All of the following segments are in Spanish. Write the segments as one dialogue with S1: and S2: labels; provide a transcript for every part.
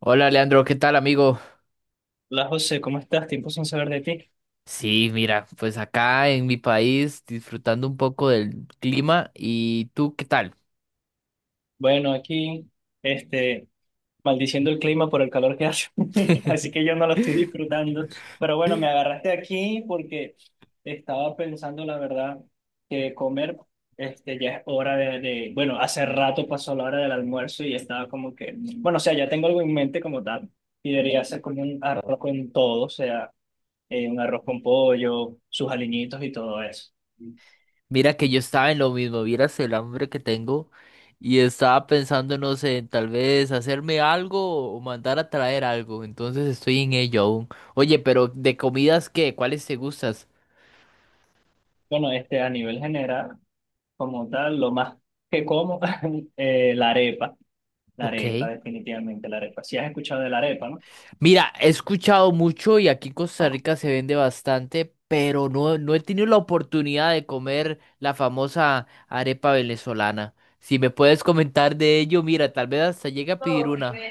S1: Hola Leandro, ¿qué tal amigo?
S2: Hola José, ¿cómo estás? Tiempo sin saber de ti.
S1: Sí, mira, pues acá en mi país disfrutando un poco del clima y tú, ¿qué tal?
S2: Bueno, aquí, este, maldiciendo el clima por el calor que hace, así que yo no lo estoy disfrutando. Pero bueno, me agarraste aquí porque estaba pensando, la verdad, que comer, ya es hora bueno, hace rato pasó la hora del almuerzo y estaba como que, bueno, o sea, ya tengo algo en mente como tal y debería ser como un arroz con todo, o sea, un arroz con pollo, sus aliñitos y todo eso.
S1: Mira que yo estaba en lo mismo, vieras el hambre que tengo y estaba pensando, no sé, en tal vez hacerme algo o mandar a traer algo, entonces estoy en ello aún. Oye, pero de comidas, ¿qué? ¿Cuáles te gustas?
S2: Bueno, a nivel general. Como tal, lo más que como, eh, la arepa, la arepa,
S1: Ok.
S2: definitivamente la arepa. Si has escuchado de la arepa, ¿no?
S1: Mira, he escuchado mucho y aquí en Costa Rica se vende bastante, pero no he tenido la oportunidad de comer la famosa arepa venezolana. Si me puedes comentar de ello, mira, tal vez hasta llegue a pedir una.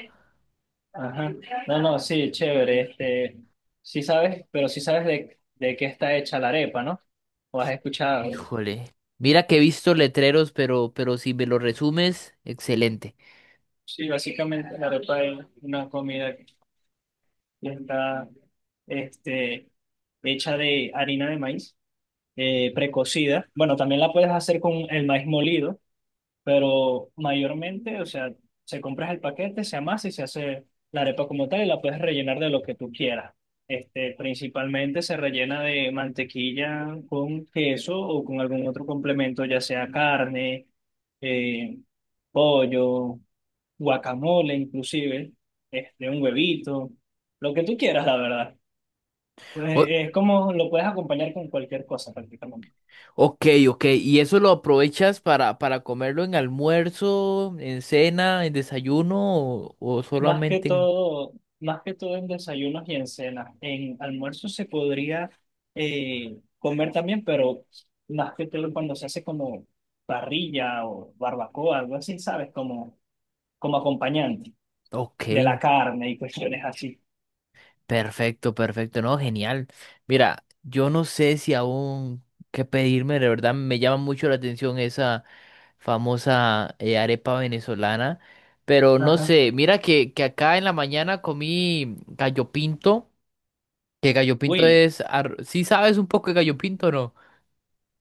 S2: Ajá. No, no, sí, chévere. Sí sabes, pero sí sabes de qué está hecha la arepa, ¿no? ¿O has escuchado?
S1: Híjole. Mira que he visto letreros, pero si me lo resumes, excelente.
S2: Sí, básicamente la arepa es una comida que está, este, hecha de harina de maíz precocida. Bueno, también la puedes hacer con el maíz molido, pero mayormente, o sea, se compras el paquete, se amasa y se hace la arepa como tal y la puedes rellenar de lo que tú quieras. Principalmente se rellena de mantequilla con queso o con algún otro complemento, ya sea carne, eh, pollo, guacamole inclusive, un huevito, lo que tú quieras, la verdad. Pues
S1: O-
S2: es como lo puedes acompañar con cualquier cosa prácticamente.
S1: ok, ok. ¿Y eso lo aprovechas para comerlo en almuerzo, en cena, en desayuno o
S2: Más que
S1: solamente en...
S2: todo, más que todo en desayunos y en cenas. En almuerzo se podría comer también, pero más que todo cuando se hace como parrilla o barbacoa, algo así, ¿sabes? Como, como acompañante
S1: Ok,
S2: de la carne y cuestiones así.
S1: perfecto, perfecto, no, genial. Mira, yo no sé si aún qué pedirme, de verdad me llama mucho la atención esa famosa arepa venezolana, pero no
S2: Ajá.
S1: sé, mira que acá en la mañana comí gallo pinto, que gallo pinto
S2: Uy,
S1: es, ¿sí sabes un poco de gallo pinto o no?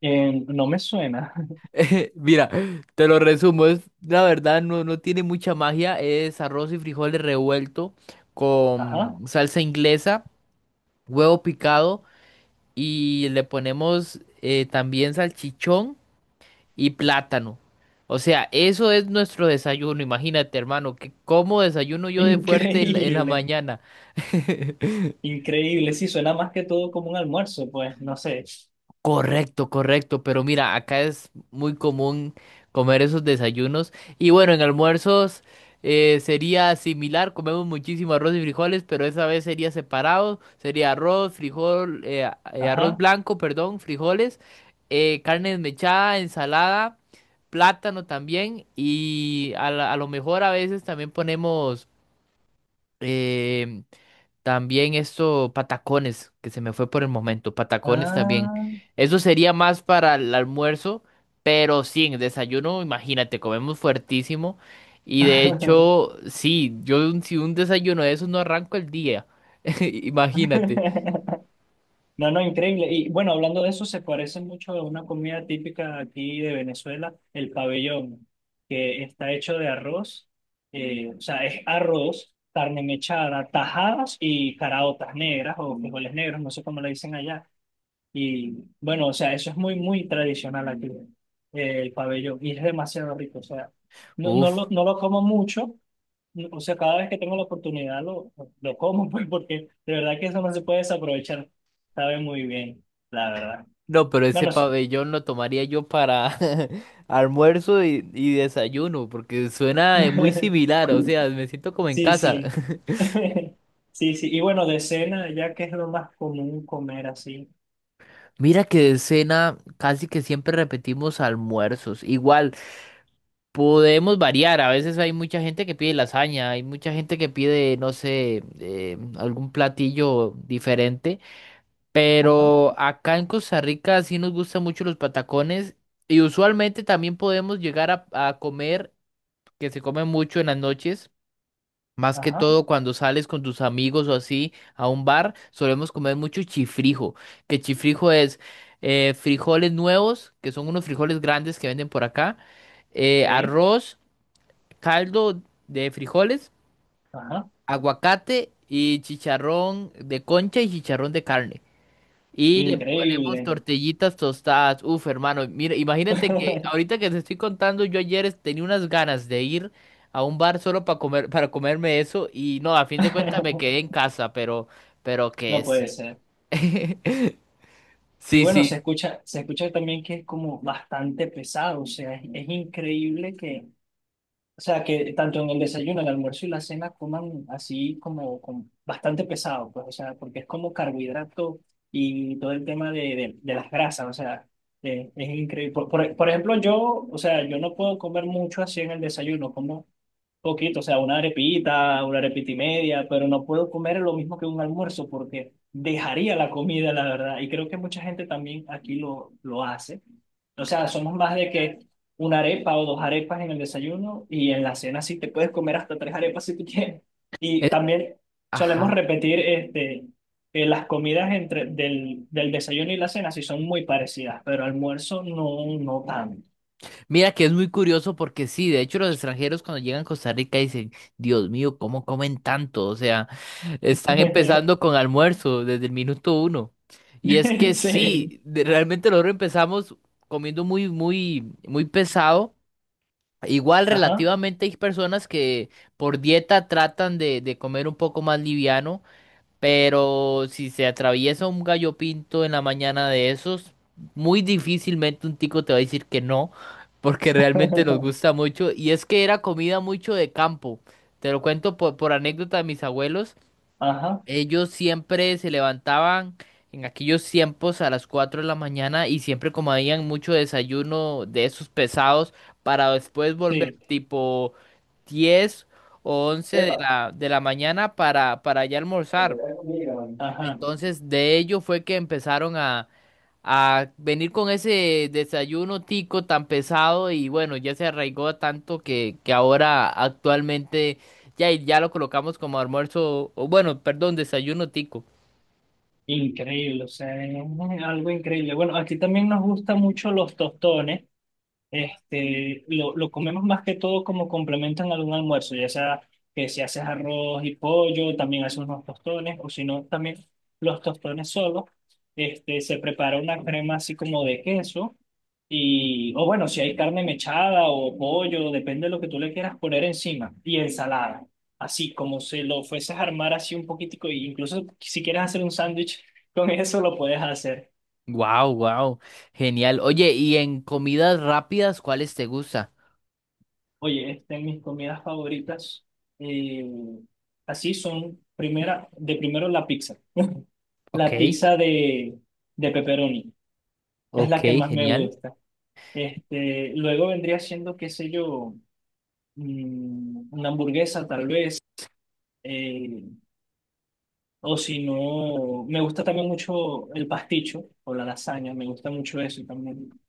S2: no me suena.
S1: Mira, te lo resumo, es, la verdad no tiene mucha magia, es arroz y frijoles revuelto con
S2: Ajá.
S1: salsa inglesa, huevo picado. Y le ponemos también salchichón y plátano. O sea, eso es nuestro desayuno. Imagínate, hermano, que como desayuno yo de fuerte en la
S2: Increíble.
S1: mañana.
S2: Increíble. Sí, suena más que todo como un almuerzo, pues, no sé.
S1: Correcto, correcto, pero mira, acá es muy común comer esos desayunos y bueno, en almuerzos sería similar, comemos muchísimo arroz y frijoles, pero esa vez sería separado, sería arroz, frijol, arroz
S2: Ajá.
S1: blanco, perdón, frijoles, carne desmechada, ensalada, plátano también y a lo mejor a veces también ponemos em, también esto, patacones, que se me fue por el momento, patacones también.
S2: Ah.
S1: Eso sería más para el almuerzo, pero sí, en el desayuno, imagínate, comemos fuertísimo. Y de hecho, sí, yo si un desayuno de esos no arranco el día, imagínate.
S2: No, no, increíble. Y bueno, hablando de eso, se parece mucho a una comida típica aquí de Venezuela, el pabellón, que está hecho de arroz, o sea, es arroz, carne mechada, tajadas y caraotas negras o frijoles negros, no sé cómo le dicen allá. Y bueno, o sea, eso es muy, muy tradicional aquí, el pabellón, y es demasiado rico, o sea, no,
S1: Uf,
S2: no lo como mucho, o sea, cada vez que tengo la oportunidad lo como, pues, porque de verdad que eso no se puede desaprovechar. Sabe muy bien, la verdad.
S1: no, pero
S2: No,
S1: ese
S2: no sé.
S1: pabellón lo tomaría yo para almuerzo y desayuno, porque suena muy similar, o sea, me siento como en
S2: Sí,
S1: casa.
S2: sí. Sí, sí. Y bueno, de cena, ya que es lo más común comer así.
S1: Mira que de cena casi que siempre repetimos almuerzos. Igual, podemos variar. A veces hay mucha gente que pide lasaña, hay mucha gente que pide, no sé, algún platillo diferente.
S2: Ajá,
S1: Pero acá en Costa Rica sí nos gustan mucho los patacones y usualmente también podemos llegar a comer, que se come mucho en las noches. Más que
S2: ajá,
S1: todo cuando sales con tus amigos o así a un bar, solemos comer mucho chifrijo. Que chifrijo es frijoles nuevos, que son unos frijoles grandes que venden por acá,
S2: ok,
S1: arroz, caldo de frijoles,
S2: ajá.
S1: aguacate y chicharrón de concha y chicharrón de carne. Y le
S2: Increíble.
S1: ponemos tortillitas tostadas. Uf, hermano, mira, imagínate que ahorita que te estoy contando, yo ayer tenía unas ganas de ir a un bar solo para comer, para comerme eso y no, a fin de cuentas me quedé en casa, pero,
S2: No
S1: que
S2: puede
S1: sí.
S2: ser. Y
S1: Sí,
S2: bueno,
S1: sí.
S2: se escucha también que es como bastante pesado, o sea, es increíble o sea, que tanto en el desayuno, el almuerzo y la cena coman así como, como bastante pesado, pues, o sea, porque es como carbohidrato y todo el tema de las grasas, o sea, es increíble. Por ejemplo, yo, o sea, yo no puedo comer mucho así en el desayuno, como poquito, o sea, una arepita y media, pero no puedo comer lo mismo que un almuerzo porque dejaría la comida, la verdad. Y creo que mucha gente también aquí lo hace. O sea, somos más de que una arepa o dos arepas en el desayuno y en la cena sí te puedes comer hasta tres arepas si tú quieres. Y
S1: eh,
S2: también solemos
S1: ajá.
S2: repetir que las comidas entre, del desayuno y la cena sí son muy parecidas, pero almuerzo no, no tanto.
S1: Mira que es muy curioso porque sí, de hecho los extranjeros cuando llegan a Costa Rica dicen, Dios mío, ¿cómo comen tanto? O sea, están empezando con almuerzo desde el minuto uno. Y es que
S2: En serio.
S1: sí, realmente nosotros empezamos comiendo muy, muy, muy pesado. Igual
S2: Ajá.
S1: relativamente hay personas que por dieta tratan de comer un poco más liviano, pero si se atraviesa un gallo pinto en la mañana de esos, muy difícilmente un tico te va a decir que no, porque realmente nos gusta mucho. Y es que era comida mucho de campo. Te lo cuento por anécdota de mis abuelos.
S2: Ajá,
S1: Ellos siempre se levantaban en aquellos tiempos a las 4 de la mañana y siempre comían mucho desayuno de esos pesados para después volver
S2: sí,
S1: tipo 10 o 11 de
S2: Pepa,
S1: la, de la mañana para ya
S2: te voy
S1: almorzar.
S2: a comer, ¿no? Ajá.
S1: Entonces, de ello fue que empezaron a venir con ese desayuno tico tan pesado y bueno, ya se arraigó tanto que, ahora actualmente ya lo colocamos como almuerzo, o bueno, perdón, desayuno tico.
S2: Increíble, o sea, es algo increíble. Bueno, aquí también nos gustan mucho los tostones. Lo comemos más que todo como complemento en algún almuerzo, ya sea que si haces arroz y pollo, también haces unos tostones, o si no, también los tostones solos. Se prepara una crema así como de queso, y, o bueno, si hay carne mechada o pollo, depende de lo que tú le quieras poner encima, y ensalada. Así como se lo fueses a armar así un poquitico, e incluso si quieres hacer un sándwich con eso, lo puedes hacer.
S1: Wow, wow, genial. Oye, ¿y en comidas rápidas cuáles te gusta?
S2: Oye, mis comidas favoritas, eh, así son, primera, de primero la pizza.
S1: Ok,
S2: La pizza de pepperoni, es
S1: ok,
S2: la que más me
S1: genial.
S2: gusta. Luego vendría siendo, qué sé yo, una hamburguesa tal vez, eh, o si no, me gusta también mucho el pasticho o la lasaña, me gusta mucho eso también.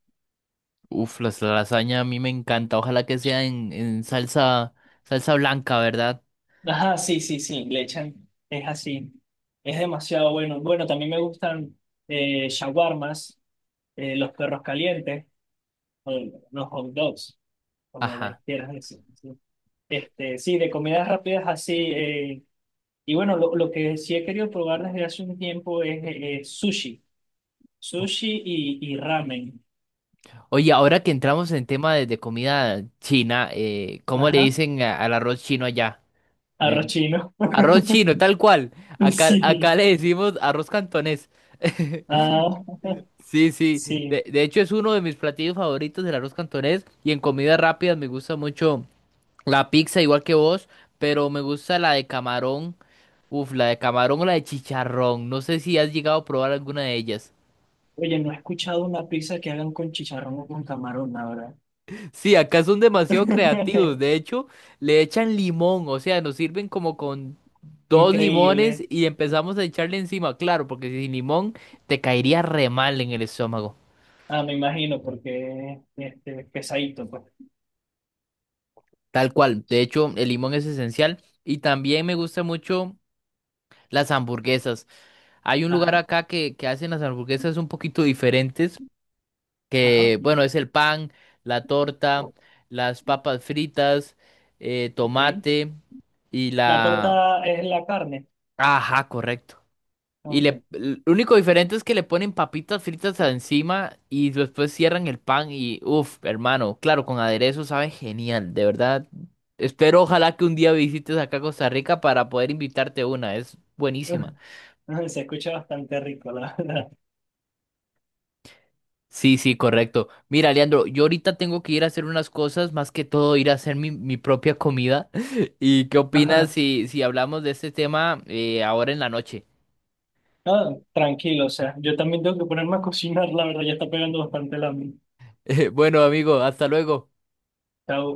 S1: Uf, las lasaña a mí me encanta. Ojalá que sea en, salsa, salsa blanca, ¿verdad?
S2: Ajá, sí, sí, sí, le echan, es así, es demasiado bueno. Bueno, también me gustan shawarmas, los perros calientes, o los hot dogs, como les
S1: Ajá.
S2: quieras decir. ¿Sí? Sí, de comidas rápidas así. Y bueno, lo que sí he querido probar desde hace un tiempo es sushi, sushi y ramen.
S1: Oye, ahora que entramos en tema de comida china, ¿cómo le
S2: Ajá,
S1: dicen al arroz chino allá? Me-
S2: arroz chino.
S1: arroz chino, tal cual. Acá
S2: Sí,
S1: le decimos arroz cantonés.
S2: ah,
S1: Sí, sí.
S2: sí.
S1: De hecho, es uno de mis platillos favoritos, el arroz cantonés. Y en comidas rápidas me gusta mucho la pizza, igual que vos, pero me gusta la de camarón. Uf, la de camarón o la de chicharrón. No sé si has llegado a probar alguna de ellas.
S2: Oye, no he escuchado una pizza que hagan con chicharrón o con camarón, la verdad.
S1: Sí, acá son demasiado creativos. De hecho, le echan limón, o sea, nos sirven como con dos limones
S2: Increíble.
S1: y empezamos a echarle encima, claro, porque sin limón te caería re mal en el estómago.
S2: Ah, me imagino, porque pesadito, pues.
S1: Tal cual. De hecho, el limón es esencial. Y también me gusta mucho las hamburguesas. Hay un lugar
S2: Ajá,
S1: acá que, hacen las hamburguesas un poquito diferentes,
S2: ajá.
S1: que bueno, es el pan, la torta, las papas fritas,
S2: Bien.
S1: tomate y
S2: La
S1: la...
S2: torta es la carne.
S1: Ajá, correcto. Y
S2: Ok.
S1: lo único diferente es que le ponen papitas fritas a encima y después cierran el pan y, uff, hermano, claro, con aderezo sabe genial, de verdad. Espero, ojalá que un día visites acá a Costa Rica para poder invitarte una, es buenísima.
S2: Se escucha bastante rico, la verdad.
S1: Sí, sí, correcto. Mira, Leandro, yo ahorita tengo que ir a hacer unas cosas, más que todo ir a hacer mi propia comida. ¿Y qué opinas
S2: Ajá.
S1: si hablamos de este tema ahora en la noche?
S2: No, tranquilo, o sea, yo también tengo que ponerme a cocinar, la verdad, ya está pegando bastante la hambre.
S1: Bueno, amigo, hasta luego.
S2: Chao.